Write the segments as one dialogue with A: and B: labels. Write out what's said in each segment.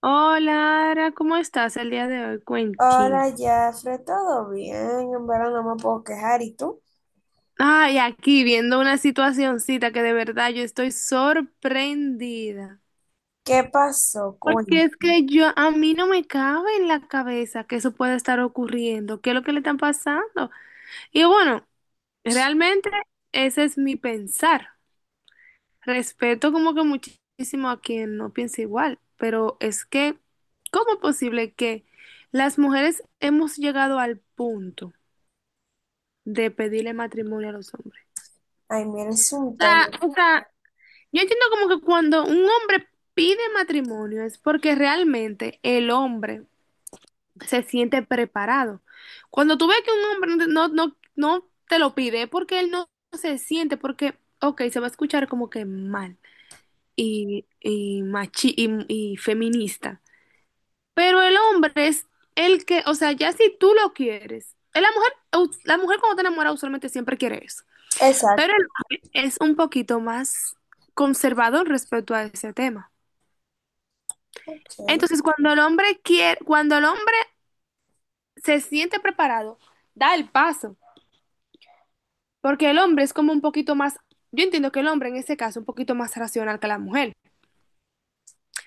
A: Hola, Ara, ¿cómo estás el día de hoy? Cuenti.
B: Hola, Jafre, ¿todo bien? En verdad no me puedo quejar. ¿Y tú?
A: Ay, aquí viendo una situacioncita que de verdad yo estoy sorprendida.
B: ¿Qué pasó?
A: Porque es
B: Cuéntame.
A: que yo, a mí no me cabe en la cabeza que eso pueda estar ocurriendo. ¿Qué es lo que le están pasando? Y bueno, realmente ese es mi pensar. Respeto como que muchísimo a quien no piensa igual, pero es que, ¿cómo es posible que las mujeres hemos llegado al punto de pedirle matrimonio a los hombres?
B: Ay, mira, es
A: O
B: un tema.
A: sea, o sea, yo entiendo como que cuando un hombre pide matrimonio es porque realmente el hombre se siente preparado. Cuando tú ves que un hombre no te lo pide es porque él no se siente, porque, ok, se va a escuchar como que mal machi y feminista. Pero el hombre es el que, o sea, ya si tú lo quieres, es la mujer cuando te enamora usualmente siempre quiere eso. Pero el
B: Exacto.
A: hombre es un poquito más conservador respecto a ese tema.
B: Ok.
A: Entonces, cuando el hombre quiere, cuando el hombre se siente preparado, da el paso, porque el hombre es como un poquito más, yo entiendo que el hombre en ese caso es un poquito más racional que la mujer,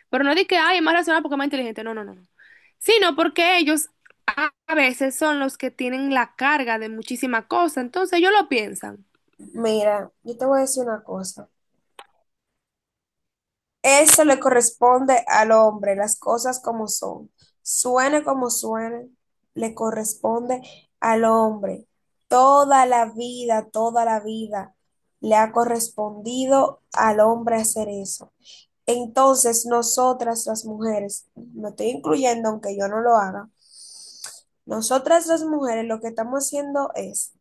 A: pero no di que, ay, es más racional porque es más inteligente, no, no, no, no. Sino porque ellos a veces son los que tienen la carga de muchísima cosa, entonces ellos lo piensan.
B: Mira, yo te voy a decir una cosa. Eso le corresponde al hombre, las cosas como son. Suene como suene, le corresponde al hombre. Toda la vida le ha correspondido al hombre hacer eso. Entonces, nosotras las mujeres, me estoy incluyendo aunque yo no lo haga, nosotras las mujeres lo que estamos haciendo es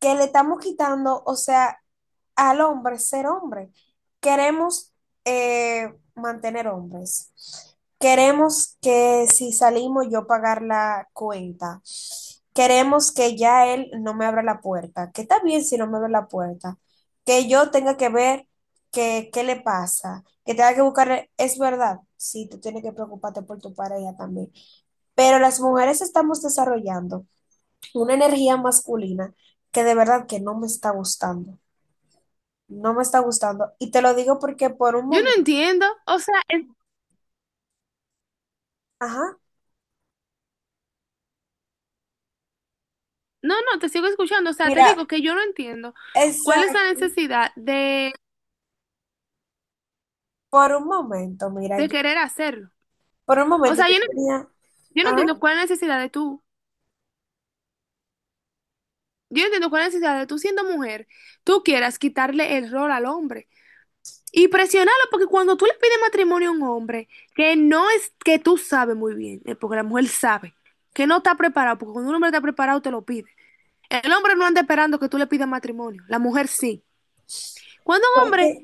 B: que le estamos quitando, o sea, al hombre ser hombre. Queremos eh, mantener hombres. Queremos que si salimos yo pagar la cuenta. Queremos que ya él no me abra la puerta, que está bien si no me abre la puerta, que yo tenga que ver que, qué le pasa, que tenga que buscar, es verdad, sí, tú tienes que preocuparte por tu pareja también, pero las mujeres estamos desarrollando una energía masculina que de verdad que no me está gustando. No me está gustando. Y te lo digo porque por un
A: Yo no
B: momento,
A: entiendo, o sea, es...
B: ajá,
A: No, no, te sigo escuchando. O sea, te
B: mira,
A: digo que yo no entiendo cuál es la
B: exacto,
A: necesidad
B: por un momento, mira,
A: de
B: yo,
A: querer hacerlo.
B: por un
A: O
B: momento
A: sea,
B: yo
A: yo no,
B: tenía,
A: yo no
B: ajá,
A: entiendo cuál es la necesidad de tú. Yo no entiendo cuál es la necesidad de tú siendo mujer, tú quieras quitarle el rol al hombre y presionarlo, porque cuando tú le pides matrimonio a un hombre, que no es que tú sabes muy bien, porque la mujer sabe que no está preparado, porque cuando un hombre está preparado te lo pide. El hombre no anda esperando que tú le pidas matrimonio, la mujer sí. Cuando un hombre
B: porque,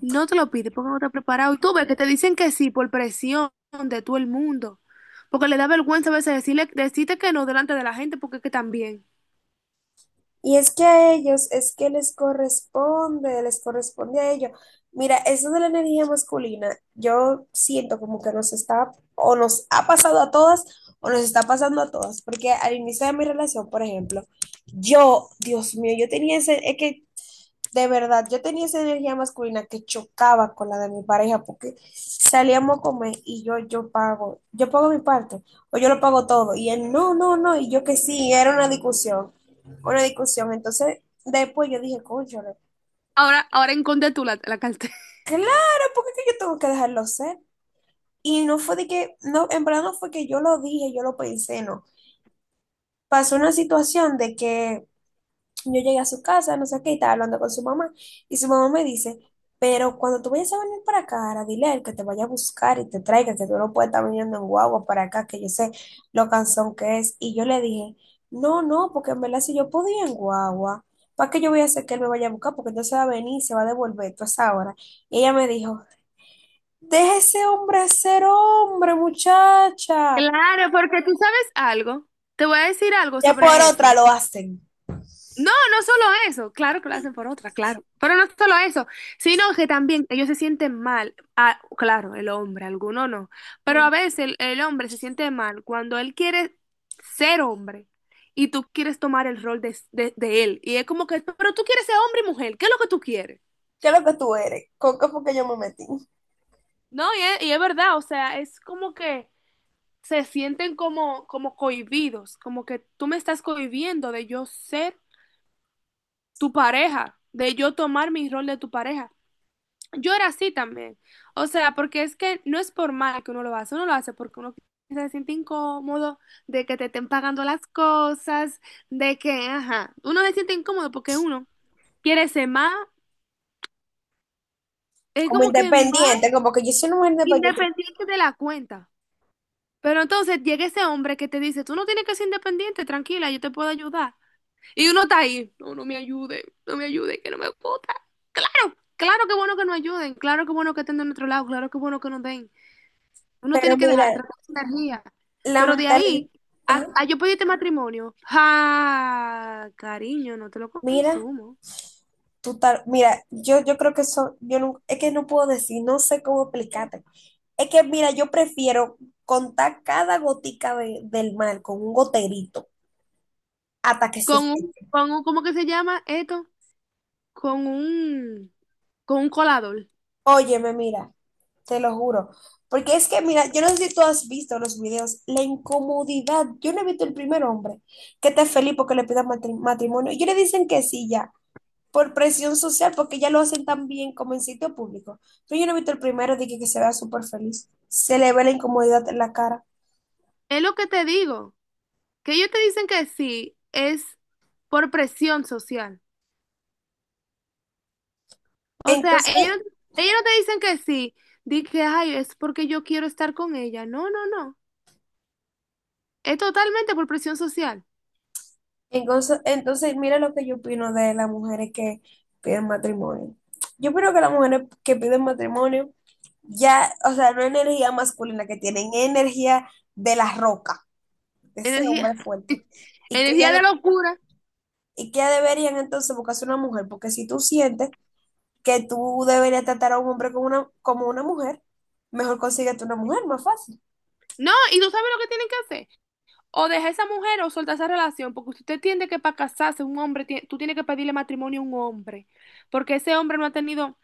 A: no te lo pide porque no te has preparado. Y tú ves que te dicen que sí por presión de todo el mundo. Porque le da vergüenza a veces decirle, decirte que no delante de la gente porque es que también...
B: y es que a ellos, es que les corresponde a ellos. Mira, eso de la energía masculina, yo siento como que nos está, o nos ha pasado a todas, o nos está pasando a todas, porque al inicio de mi relación, por ejemplo, yo, Dios mío, yo tenía ese, es que de verdad, yo tenía esa energía masculina que chocaba con la de mi pareja porque salíamos a comer y yo pago yo pago mi parte o yo lo pago todo y él no, no, no y yo que sí, era una discusión, una discusión. Entonces después yo dije, cónchale,
A: Ahora, ahora encontré tú la, la cartera.
B: claro, porque es que yo tengo que dejarlo ser. Y no fue de que, no, en verdad no fue que yo lo dije, yo lo pensé, no. Pasó una situación de que yo llegué a su casa, no sé qué, y estaba hablando con su mamá. Y su mamá me dice, pero cuando tú vayas a venir para acá, ahora dile a él que te vaya a buscar y te traiga, que tú no puedes estar viniendo en guagua para acá, que yo sé lo cansón que es. Y yo le dije, no, no, porque en verdad si yo podía en guagua, ¿para qué yo voy a hacer que él me vaya a buscar? Porque entonces va a venir y se va a devolver toda esa hora. Y ella me dijo, deja ese hombre ser hombre, muchacha.
A: Claro, porque tú sabes algo. Te voy a decir algo
B: Ya por
A: sobre
B: otra
A: eso.
B: lo hacen.
A: No, no solo eso, claro que lo hacen por otra, claro, pero no solo eso, sino que también ellos se sienten mal, ah, claro, el hombre, alguno no, pero
B: Mm.
A: a veces el hombre se siente mal cuando él quiere ser hombre y tú quieres tomar el rol de, de él, y es como que, pero tú quieres ser hombre y mujer, ¿qué es lo que tú quieres?
B: ¿Qué es lo que tú eres? ¿Con qué fue que yo me metí?
A: No, y es verdad, o sea, es como que se sienten como, como cohibidos, como que tú me estás cohibiendo de yo ser tu pareja, de yo tomar mi rol de tu pareja. Yo era así también. O sea, porque es que no es por mal que uno lo hace porque uno se siente incómodo de que te estén pagando las cosas, de que, ajá, uno se siente incómodo porque uno quiere ser más, es
B: Como
A: como que más
B: independiente, como que yo soy una mujer independiente,
A: independiente de la cuenta. Pero entonces llega ese hombre que te dice, tú no tienes que ser independiente, tranquila, yo te puedo ayudar. Y uno está ahí, no, no me ayude, no me ayude, que no me gusta. Claro, claro que bueno que nos ayuden, claro que bueno que estén de nuestro lado, claro que bueno que nos den. Uno
B: pero
A: tiene que dejar de
B: mira,
A: tratar esa energía.
B: la
A: Pero de
B: mentalidad,
A: ahí,
B: ajá,
A: a yo pedirte matrimonio. ¡Ja! Cariño, no te lo
B: mira,
A: consumo.
B: tú tal, mira, yo creo que eso, yo no, es que no puedo decir, no sé cómo explicarte. Es que mira, yo prefiero contar cada gotica del mar con un goterito hasta que se seque.
A: ¿Cómo que se llama esto? Con un, con un colador.
B: Óyeme, mira, te lo juro. Porque es que, mira, yo no sé si tú has visto los videos, la incomodidad. Yo no he visto el primer hombre que está feliz porque le pidan matrimonio. Y ellos le dicen que sí ya. Por presión social, porque ya lo hacen tan bien como en sitio público. Pero yo no he visto el primero de que se vea súper feliz. Se le ve la incomodidad en la cara.
A: Es lo que te digo. Que ellos te dicen que sí, es por presión social. O sea,
B: Entonces,
A: ellos, no... ellos no te dicen que sí. Di que, ay, es porque yo quiero estar con ella. No, no, no. Es totalmente por presión social.
B: entonces, mira lo que yo opino de las mujeres que piden matrimonio. Yo opino que las mujeres que piden matrimonio, ya, o sea, no es energía masculina que tienen, es energía de la roca, de ese
A: Energía,
B: hombre fuerte. Y que
A: energía
B: ya,
A: de locura.
B: y que ya deberían entonces buscarse una mujer, porque si tú sientes que tú deberías tratar a un hombre como una mujer, mejor consíguete una mujer, más fácil.
A: No, y tú sabes lo que tienen que hacer. O deja a esa mujer o suelta esa relación, porque usted entiende que para casarse un hombre, tú tienes que pedirle matrimonio a un hombre, porque ese hombre no ha tenido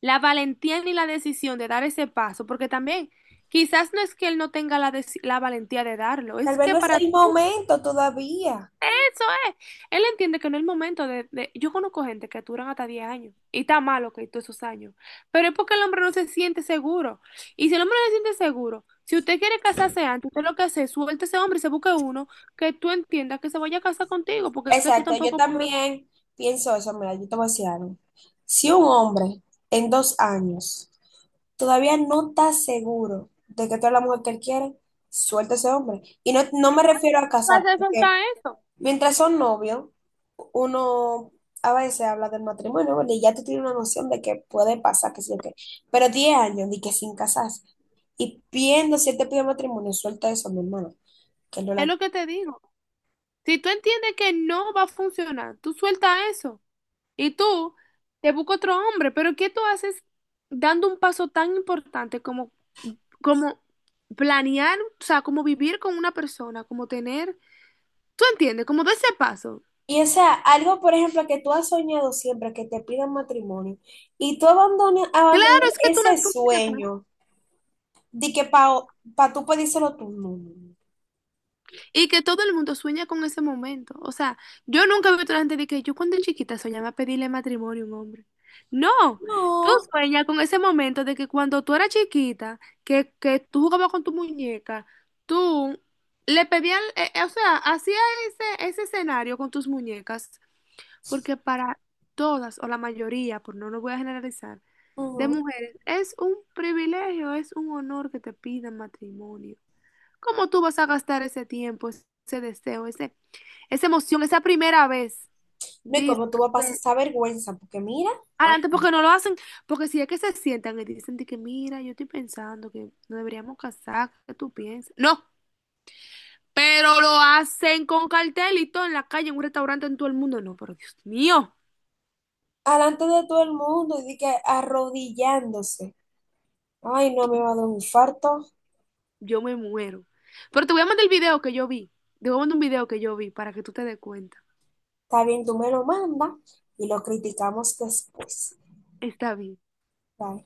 A: la valentía ni la decisión de dar ese paso, porque también quizás no es que él no tenga la, la valentía de darlo,
B: Tal
A: es
B: vez
A: que
B: no es
A: para...
B: el momento todavía.
A: Eso es. Él entiende que en el momento de, de... Yo conozco gente que duran hasta 10 años y está malo que todos esos años. Pero es porque el hombre no se siente seguro. Y si el hombre no se siente seguro, si usted quiere casarse antes, usted lo que hace es suelte a ese hombre y se busque uno que tú entiendas que se vaya a casar contigo, porque es que tú
B: Exacto, yo
A: tampoco puedes
B: también pienso eso, mira, yo te voy a decir algo. Si un hombre en 2 años todavía no está seguro de que tú eres la mujer que él quiere, suelta a ese hombre. Y no, no me refiero a casar,
A: hacer
B: porque
A: soltar eso.
B: mientras son novios, uno a veces habla del matrimonio, ¿verdad? Y ya tú tienes una noción de que puede pasar, que sí o qué. Pero 10 años, ni que sin casarse. Y viendo si él te pide matrimonio, suelta eso, mi hermano, que no
A: Es
B: la...
A: lo que te digo. Si tú entiendes que no va a funcionar, tú suelta eso y tú te buscas otro hombre. Pero ¿qué tú haces dando un paso tan importante como como planear, o sea, como vivir con una persona, como tener, tú entiendes, como de ese paso.
B: Y o sea, algo, por ejemplo, que tú has soñado siempre, que te pidan matrimonio, y tú abandonas,
A: Claro,
B: abandonas
A: es que tú,
B: ese
A: no... tú sueñas con eso.
B: sueño de que para pa tú pedírselo tú. No,
A: Y que todo el mundo sueña con ese momento. O sea, yo nunca he visto a la gente de que yo cuando chiquita soñaba pedirle matrimonio a un hombre. No,
B: no,
A: tú
B: no.
A: sueñas con ese momento de que cuando tú eras chiquita, que tú jugabas con tu muñeca, tú le pedías, o sea, hacías ese, ese escenario con tus muñecas. Porque para todas o la mayoría, por no lo voy a generalizar,
B: No,
A: de
B: ujú.
A: mujeres es un privilegio, es un honor que te pidan matrimonio. ¿Cómo tú vas a gastar ese tiempo, ese deseo, ese, esa emoción, esa primera vez?
B: No, y
A: Dice,
B: como tú vas a pasar esa vergüenza, porque mira, ah,
A: adelante porque no lo hacen, porque si es que se sientan y dicen de que mira, yo estoy pensando que no deberíamos casar, ¿qué tú piensas? No, pero lo hacen con cartelito en la calle, en un restaurante, en todo el mundo. No, pero Dios mío.
B: alante de todo el mundo y di que arrodillándose. Ay, no me va a dar un infarto.
A: Yo me muero. Pero te voy a mandar el video que yo vi. Te voy a mandar un video que yo vi para que tú te des cuenta.
B: Está bien, tú me lo manda y lo criticamos después.
A: Está bien.
B: Bye.